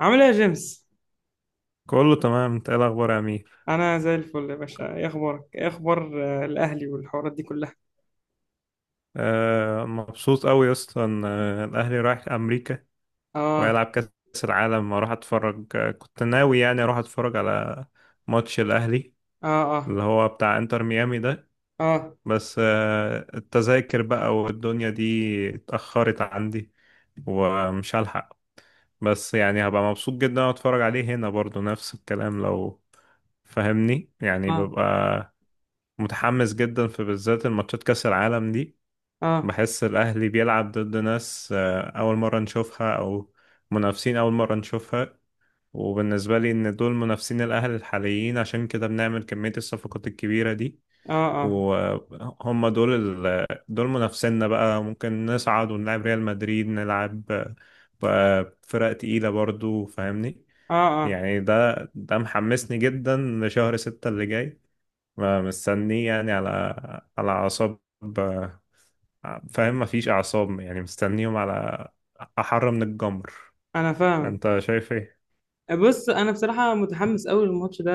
عامل ايه يا جيمس؟ كله تمام، انت ايه الاخبار يا امير؟ انا زي الفل يا باشا. ايه اخبارك؟ ايه اخبار الاهلي والحوارات دي كلها؟ آه، مبسوط قوي يا اسطى ان الاهلي رايح امريكا اه. ويلعب كاس العالم. اروح اتفرج. كنت ناوي يعني اروح اتفرج على ماتش الاهلي اه. اه. اللي هو بتاع انتر ميامي ده. اه. بس التذاكر بقى والدنيا دي اتاخرت عندي ومش هلحق. بس يعني هبقى مبسوط جدا وانا اتفرج عليه هنا برضو، نفس الكلام لو فاهمني. يعني اه. ببقى متحمس جدا في بالذات الماتشات كأس العالم دي. اه. بحس الأهلي بيلعب ضد ناس أول مرة نشوفها، أو منافسين أول مرة نشوفها. وبالنسبة لي إن دول منافسين الأهلي الحاليين، عشان كده بنعمل كمية الصفقات الكبيرة دي. اه. اه. وهم دول دول منافسينا بقى. ممكن نصعد ونلعب ريال مدريد، نلعب بقى فرق تقيلة برضو فاهمني. اه. اه. يعني ده محمسني جدا لشهر ستة اللي جاي. مستنيه يعني على أعصاب. آه، فاهم مفيش اعصاب. يعني مستنيهم على احر من الجمر. انا فاهمك. انت شايف ايه؟ بص، انا بصراحه متحمس قوي للماتش ده،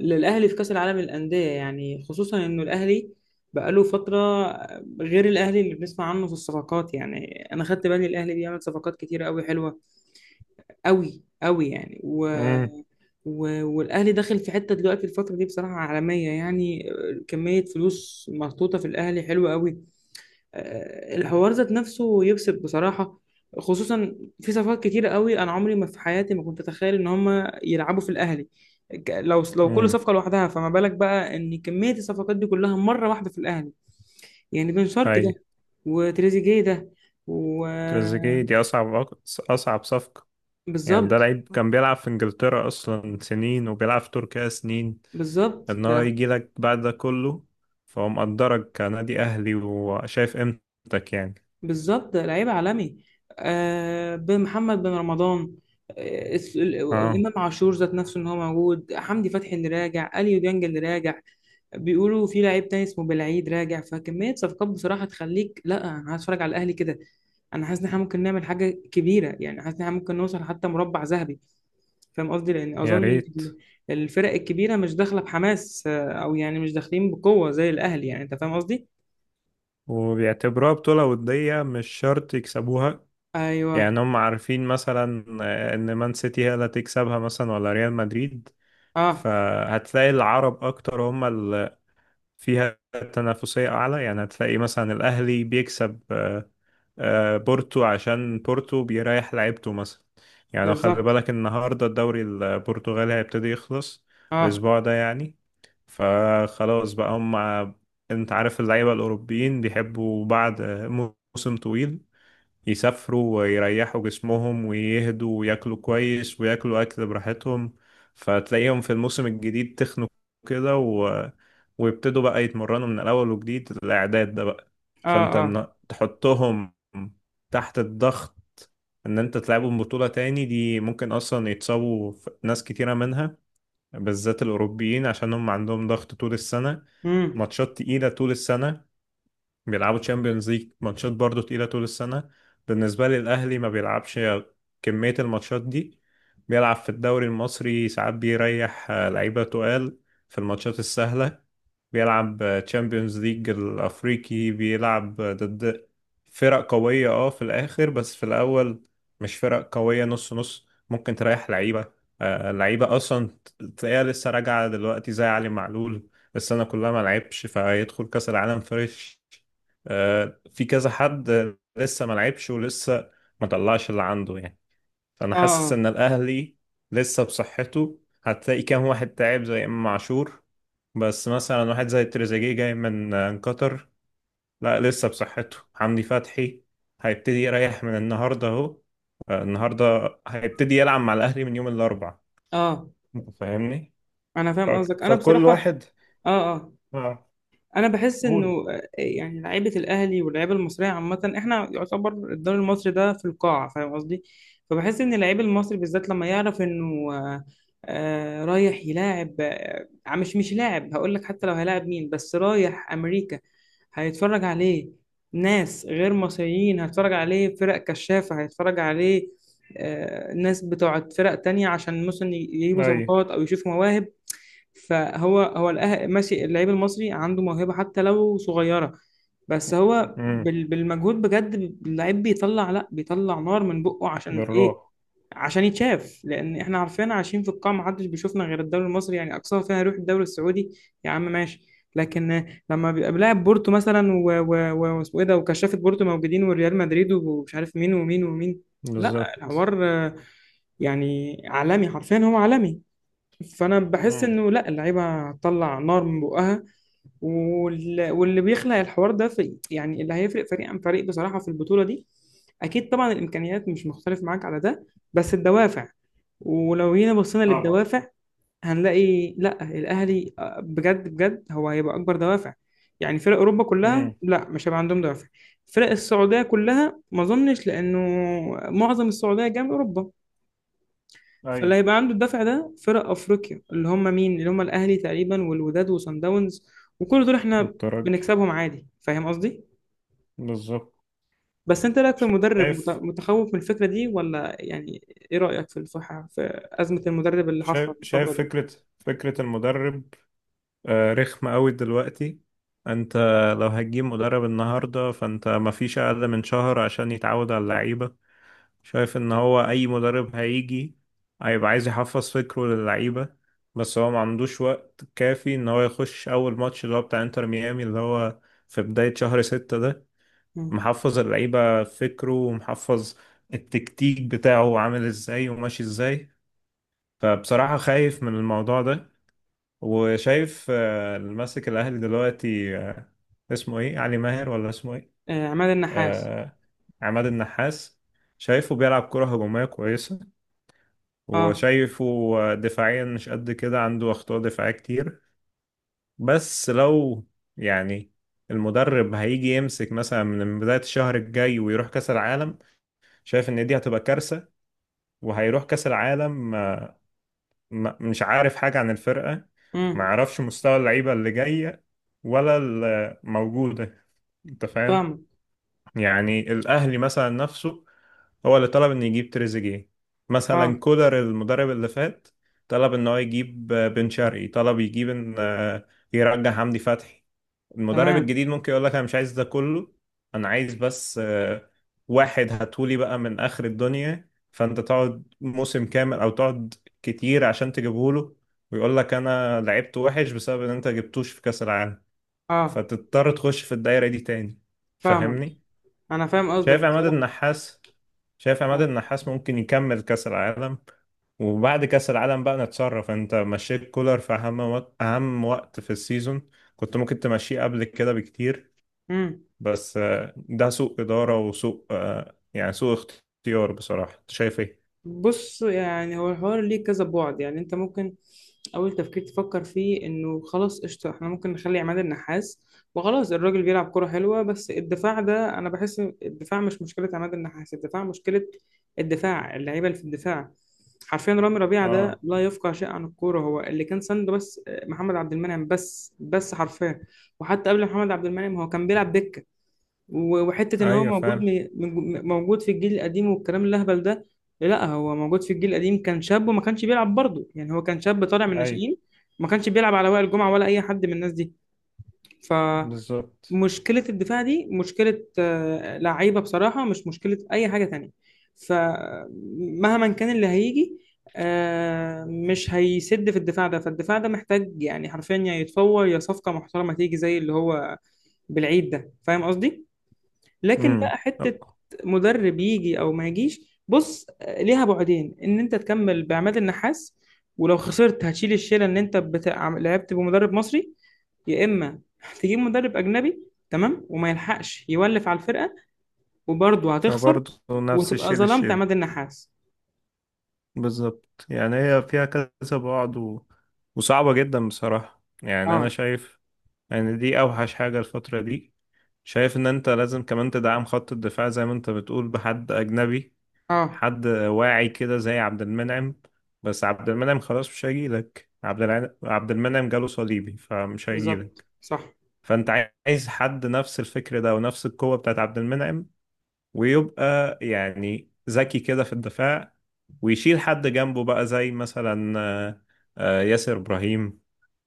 للاهلي في كاس العالم للانديه، يعني خصوصا انه الاهلي بقاله فتره. غير الاهلي اللي بنسمع عنه في الصفقات، يعني انا خدت بالي الاهلي بيعمل صفقات كتيره قوي حلوه قوي قوي يعني. امم. والاهلي داخل في حته دلوقتي الفتره دي بصراحه عالميه، يعني كميه فلوس محطوطه في الاهلي حلوه قوي. الحوار ذات نفسه يكسب بصراحه، خصوصا في صفقات كتيره قوي. انا عمري ما في حياتي ما كنت اتخيل ان هم يلعبوا في الاهلي، لو كل امم. صفقه لوحدها، فما بالك بقى ان كميه الصفقات دي كلها مره واحده في الاهلي؟ يعني بن شرقي اي. ده، وتريزيجيه ده، و تريزيجيه دي اصعب اصعب صفقه. يعني ده بالظبط. لعيب كان بيلعب في انجلترا اصلا سنين، وبيلعب في تركيا سنين. بالظبط ان هو ده. يجي لك بعد ده كله، فهو مقدرك كنادي اهلي وشايف قيمتك يعني. بالظبط، لعيب عالمي. آه، بمحمد بن رمضان. آه الس- ال- اه، امام عاشور ذات نفسه ان هو موجود، حمدي فتحي اللي راجع، اليو ديانج اللي راجع. بيقولوا في لعيب تاني اسمه بالعيد راجع، فكميه صفقات بصراحه تخليك، لا انا عايز اتفرج على الاهلي كده. انا حاسس ان احنا ممكن نعمل حاجه كبيره، يعني حاسس ان احنا ممكن نوصل حتى مربع ذهبي، فاهم قصدي؟ لان يا اظن إن ريت. الفرق الكبيره مش داخله بحماس، او يعني مش داخلين بقوه زي الاهلي، يعني انت فاهم قصدي. وبيعتبروها بطولة ودية مش شرط يكسبوها. ايوه. يعني هم عارفين مثلا ان مان سيتي هي اللي هتكسبها مثلا، ولا ريال مدريد. اه. فهتلاقي العرب اكتر هم اللي فيها تنافسية اعلى. يعني هتلاقي مثلا الاهلي بيكسب بورتو عشان بورتو بيريح لعيبته مثلا. يعني لو خلي بالظبط. بالك النهارده الدوري البرتغالي هيبتدي يخلص اه. الاسبوع ده يعني. فخلاص بقى هم. انت عارف اللعيبة الاوروبيين بيحبوا بعد موسم طويل يسافروا ويريحوا جسمهم ويهدوا وياكلوا كويس وياكلوا أكل براحتهم. فتلاقيهم في الموسم الجديد تخنوا كده ويبتدوا بقى يتمرنوا من الأول، وجديد الإعداد ده بقى. اه. فأنت اه. إن تحطهم تحت الضغط، إن أنت تلعبهم بطولة تاني دي، ممكن أصلا يتصابوا ناس كتيرة منها، بالذات الأوروبيين عشان هم عندهم ضغط طول السنة. امم. ماتشات تقيلة طول السنة. بيلعبوا تشامبيونز ليج ماتشات برضه تقيلة طول السنة. بالنسبة لي الأهلي ما بيلعبش كمية الماتشات دي. بيلعب في الدوري المصري ساعات بيريح لعيبة تقال في الماتشات السهلة. بيلعب تشامبيونز ليج الأفريقي، بيلعب ضد فرق قوية، اه، في الآخر، بس في الأول مش فرق قوية، نص نص، ممكن تريح لعيبة. لعيبة أصلا تلاقيها لسه راجعة دلوقتي زي علي معلول، السنة كلها ما لعبش، فيدخل كأس العالم فريش. في كذا حد لسه ما لعبش ولسه ما طلعش اللي عنده يعني. فانا اه. حاسس اه. ان الاهلي لسه بصحته. هتلاقي كام واحد تعب زي امام عاشور، بس مثلا واحد زي تريزيجيه جاي من قطر. لا، لسه بصحته حمدي فتحي، هيبتدي يريح من النهارده اهو. النهارده هيبتدي يلعب مع الاهلي من يوم الاربعاء. اه. انت فاهمني؟ انا ف... فاهم قصدك، انا فكل بصراحه. واحد. اه. اه. اه. انا بحس انه قول. يعني لعيبه الاهلي واللعيبه المصريه عامه، احنا يعتبر الدوري المصري ده في القاع، فاهم قصدي؟ فبحس ان اللعيب المصري بالذات لما يعرف انه رايح يلاعب، مش لاعب، هقول لك حتى لو هيلاعب مين، بس رايح امريكا، هيتفرج عليه ناس غير مصريين، هيتفرج عليه فرق كشافه، هيتفرج عليه ناس بتوع فرق تانية عشان مثلا يجيبوا اي. صفقات او يشوفوا مواهب. فهو هو ماشي، اللعيب المصري عنده موهبة حتى لو صغيرة، بس هو امم. بالمجهود بجد. اللعيب بيطلع، لا بيطلع نار من بقه. عشان ايه؟ بالروح. عشان يتشاف، لان احنا عارفين عايشين في القاع، محدش بيشوفنا غير الدوري المصري، يعني اقصاها فيها يروح الدوري السعودي يا عم ماشي. لكن لما بيبقى بلاعب بورتو مثلا واسمه ايه ده، وكشافة بورتو موجودين والريال مدريد ومش عارف مين ومين ومين. لا، بالظبط. الحوار يعني عالمي، حرفيا هو عالمي. فانا بحس انه لا، اللعيبه هتطلع نار من بقها، واللي بيخلق الحوار ده في، يعني اللي هيفرق فريق عن فريق بصراحه في البطوله دي. اكيد طبعا الامكانيات مش مختلف معاك على ده، بس الدوافع. ولو جينا بصينا طبعا. للدوافع هنلاقي، لا الاهلي بجد بجد هو هيبقى اكبر دوافع. يعني فرق اوروبا كلها امم. لا، مش هيبقى عندهم دوافع. فرق السعوديه كلها ما اظنش، لانه معظم السعوديه جايه من اوروبا. فاللي ايوه. هيبقى عنده الدفع ده فرق افريقيا، اللي هم مين؟ اللي هم الاهلي تقريبا والوداد وصن داونز، وكل دول احنا والترجي. بنكسبهم عادي، فاهم قصدي؟ بالظبط. بس انت إيه رايك في المدرب، شايف متخوف من الفكره دي ولا يعني؟ ايه رايك في الصحه، في ازمه المدرب اللي شايف حصلت الفتره شايف دي؟ فكرة المدرب رخمة قوي دلوقتي. انت لو هتجيب مدرب النهاردة فانت مفيش اقل من شهر عشان يتعود على اللعيبة. شايف ان هو اي مدرب هيجي هيبقى عايز يحفظ فكره للعيبة، بس هو ما عندوش وقت كافي ان هو يخش اول ماتش اللي هو بتاع انتر ميامي، اللي هو في بداية شهر 6 ده، مم. محفظ اللعيبة فكره ومحفظ التكتيك بتاعه عامل ازاي وماشي ازاي. فبصراحة خايف من الموضوع ده. وشايف اللي ماسك الأهلي دلوقتي اسمه ايه، علي ماهر ولا اسمه ايه؟ آه، عماد النحاس. آه، عماد النحاس. شايفه بيلعب كرة هجومية كويسة، اه. وشايفه دفاعيا مش قد كده، عنده أخطاء دفاعية كتير. بس لو يعني المدرب هيجي يمسك مثلا من بداية الشهر الجاي ويروح كأس العالم، شايف ان دي هتبقى كارثة. وهيروح كأس العالم مش عارف حاجة عن الفرقة، ما امم. عرفش مستوى اللعيبة اللي جاية ولا الموجودة. انت فاهم؟ فاهمك. يعني الاهلي مثلا نفسه هو اللي طلب انه يجيب تريزيجيه. مثلا اه. كولر المدرب اللي فات طلب ان هو يجيب بن شرقي. طلب يجيب ان يرجع حمدي فتحي. المدرب تمام. الجديد ممكن يقول لك انا مش عايز ده كله، انا عايز بس واحد هاتولي بقى من اخر الدنيا. فانت تقعد موسم كامل او تقعد كتير عشان تجيبهوله، ويقول لك انا لعبت وحش بسبب ان انت جبتوش في كاس العالم. اه. فتضطر تخش في الدايرة دي تاني. فاهمك. فاهمني؟ انا فاهم شايف قصدك عماد بصراحه. النحاس شايف عماد اه. النحاس ممكن يكمل كأس العالم. وبعد كأس العالم بقى نتصرف. انت مشيت كولر في اهم وقت، اهم وقت في السيزون. كنت ممكن تمشيه قبل كده بكتير. امم. بس ده سوء إدارة وسوء يعني سوء اختيار بصراحة. انت شايف ايه؟ بص، يعني هو الحوار ليه كذا بعد، يعني انت ممكن اول تفكير تفكر فيه انه خلاص قشطه، احنا ممكن نخلي عماد النحاس وخلاص، الراجل بيلعب كرة حلوه. بس الدفاع ده، انا بحس الدفاع مش مشكله عماد النحاس، الدفاع مشكله الدفاع، اللعيبه اللي في الدفاع. حرفيا رامي ربيعه ده اه. لا يفقه شيء عن الكوره، هو اللي كان سنده بس محمد عبد المنعم، بس حرفيا. وحتى قبل محمد عبد المنعم هو كان بيلعب دكه. وحتة إن هو ايوه موجود فعلا. موجود في الجيل القديم والكلام الأهبل ده. لا، هو موجود في الجيل القديم كان شاب وما كانش بيلعب برضه، يعني هو كان شاب طالع من ايوه الناشئين، ما كانش بيلعب على وائل جمعة ولا أي حد من الناس دي. بالظبط. فمشكلة الدفاع دي مشكلة لعيبة بصراحة، مش مشكلة أي حاجة تانية. فمهما كان اللي هيجي مش هيسد في الدفاع ده، فالدفاع ده محتاج يعني حرفيا، يا يتفور يا صفقة محترمة تيجي زي اللي هو بالعيد ده، فاهم قصدي؟ لكن بقى امم. حتة مدرب يجي او ما يجيش بص ليها بعدين، ان انت تكمل بعماد النحاس ولو خسرت هتشيل الشيله ان انت بتاع لعبت بمدرب مصري، يا اما هتجيب مدرب اجنبي تمام وما يلحقش يولف على الفرقه وبرضه هتخسر، فبرضه نفس وتبقى الشيء ظلمت للشيء. عماد النحاس. بالظبط. يعني هي فيها كذا بعد وصعبة جدا بصراحة. يعني أنا اه. شايف، يعني دي اوحش حاجة الفترة دي. شايف ان انت لازم كمان تدعم خط الدفاع زي ما انت بتقول بحد اجنبي. اه. حد واعي كده زي عبد المنعم. بس عبد المنعم خلاص مش هيجيلك. عبد المنعم جاله صليبي فمش بالظبط هيجيلك. صح. فانت عايز حد نفس الفكر ده ونفس القوة بتاعت عبد المنعم، ويبقى يعني ذكي كده في الدفاع. ويشيل حد جنبه بقى زي مثلا ياسر إبراهيم.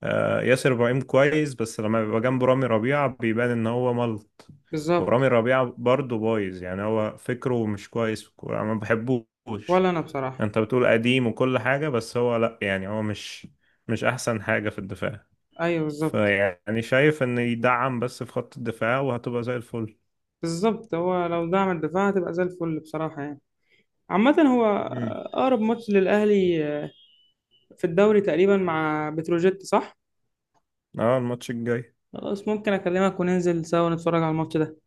ياسر إبراهيم كويس، بس لما بيبقى جنبه رامي ربيعة بيبان إن هو ملط. بالظبط. ورامي ربيعة برضه بايظ. يعني هو فكره مش كويس في الكورة، أنا ما بحبوش. ولا انا بصراحه. أنت بتقول قديم وكل حاجة، بس هو لأ. يعني هو مش أحسن حاجة في الدفاع. ايوه بالظبط. فيعني شايف إن يدعم بس في خط الدفاع وهتبقى زي الفل. بالظبط، هو لو دعم الدفاع هتبقى زي الفل بصراحه، يعني عامة هو مم. أقرب ماتش للأهلي في الدوري تقريبا مع بتروجيت صح؟ اه، الماتش الجاي. خلاص، ممكن أكلمك وننزل سوا نتفرج على الماتش ده.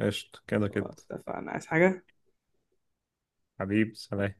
قشطة، كده كده. خلاص اتفقنا، عايز حاجة؟ حبيب سلام.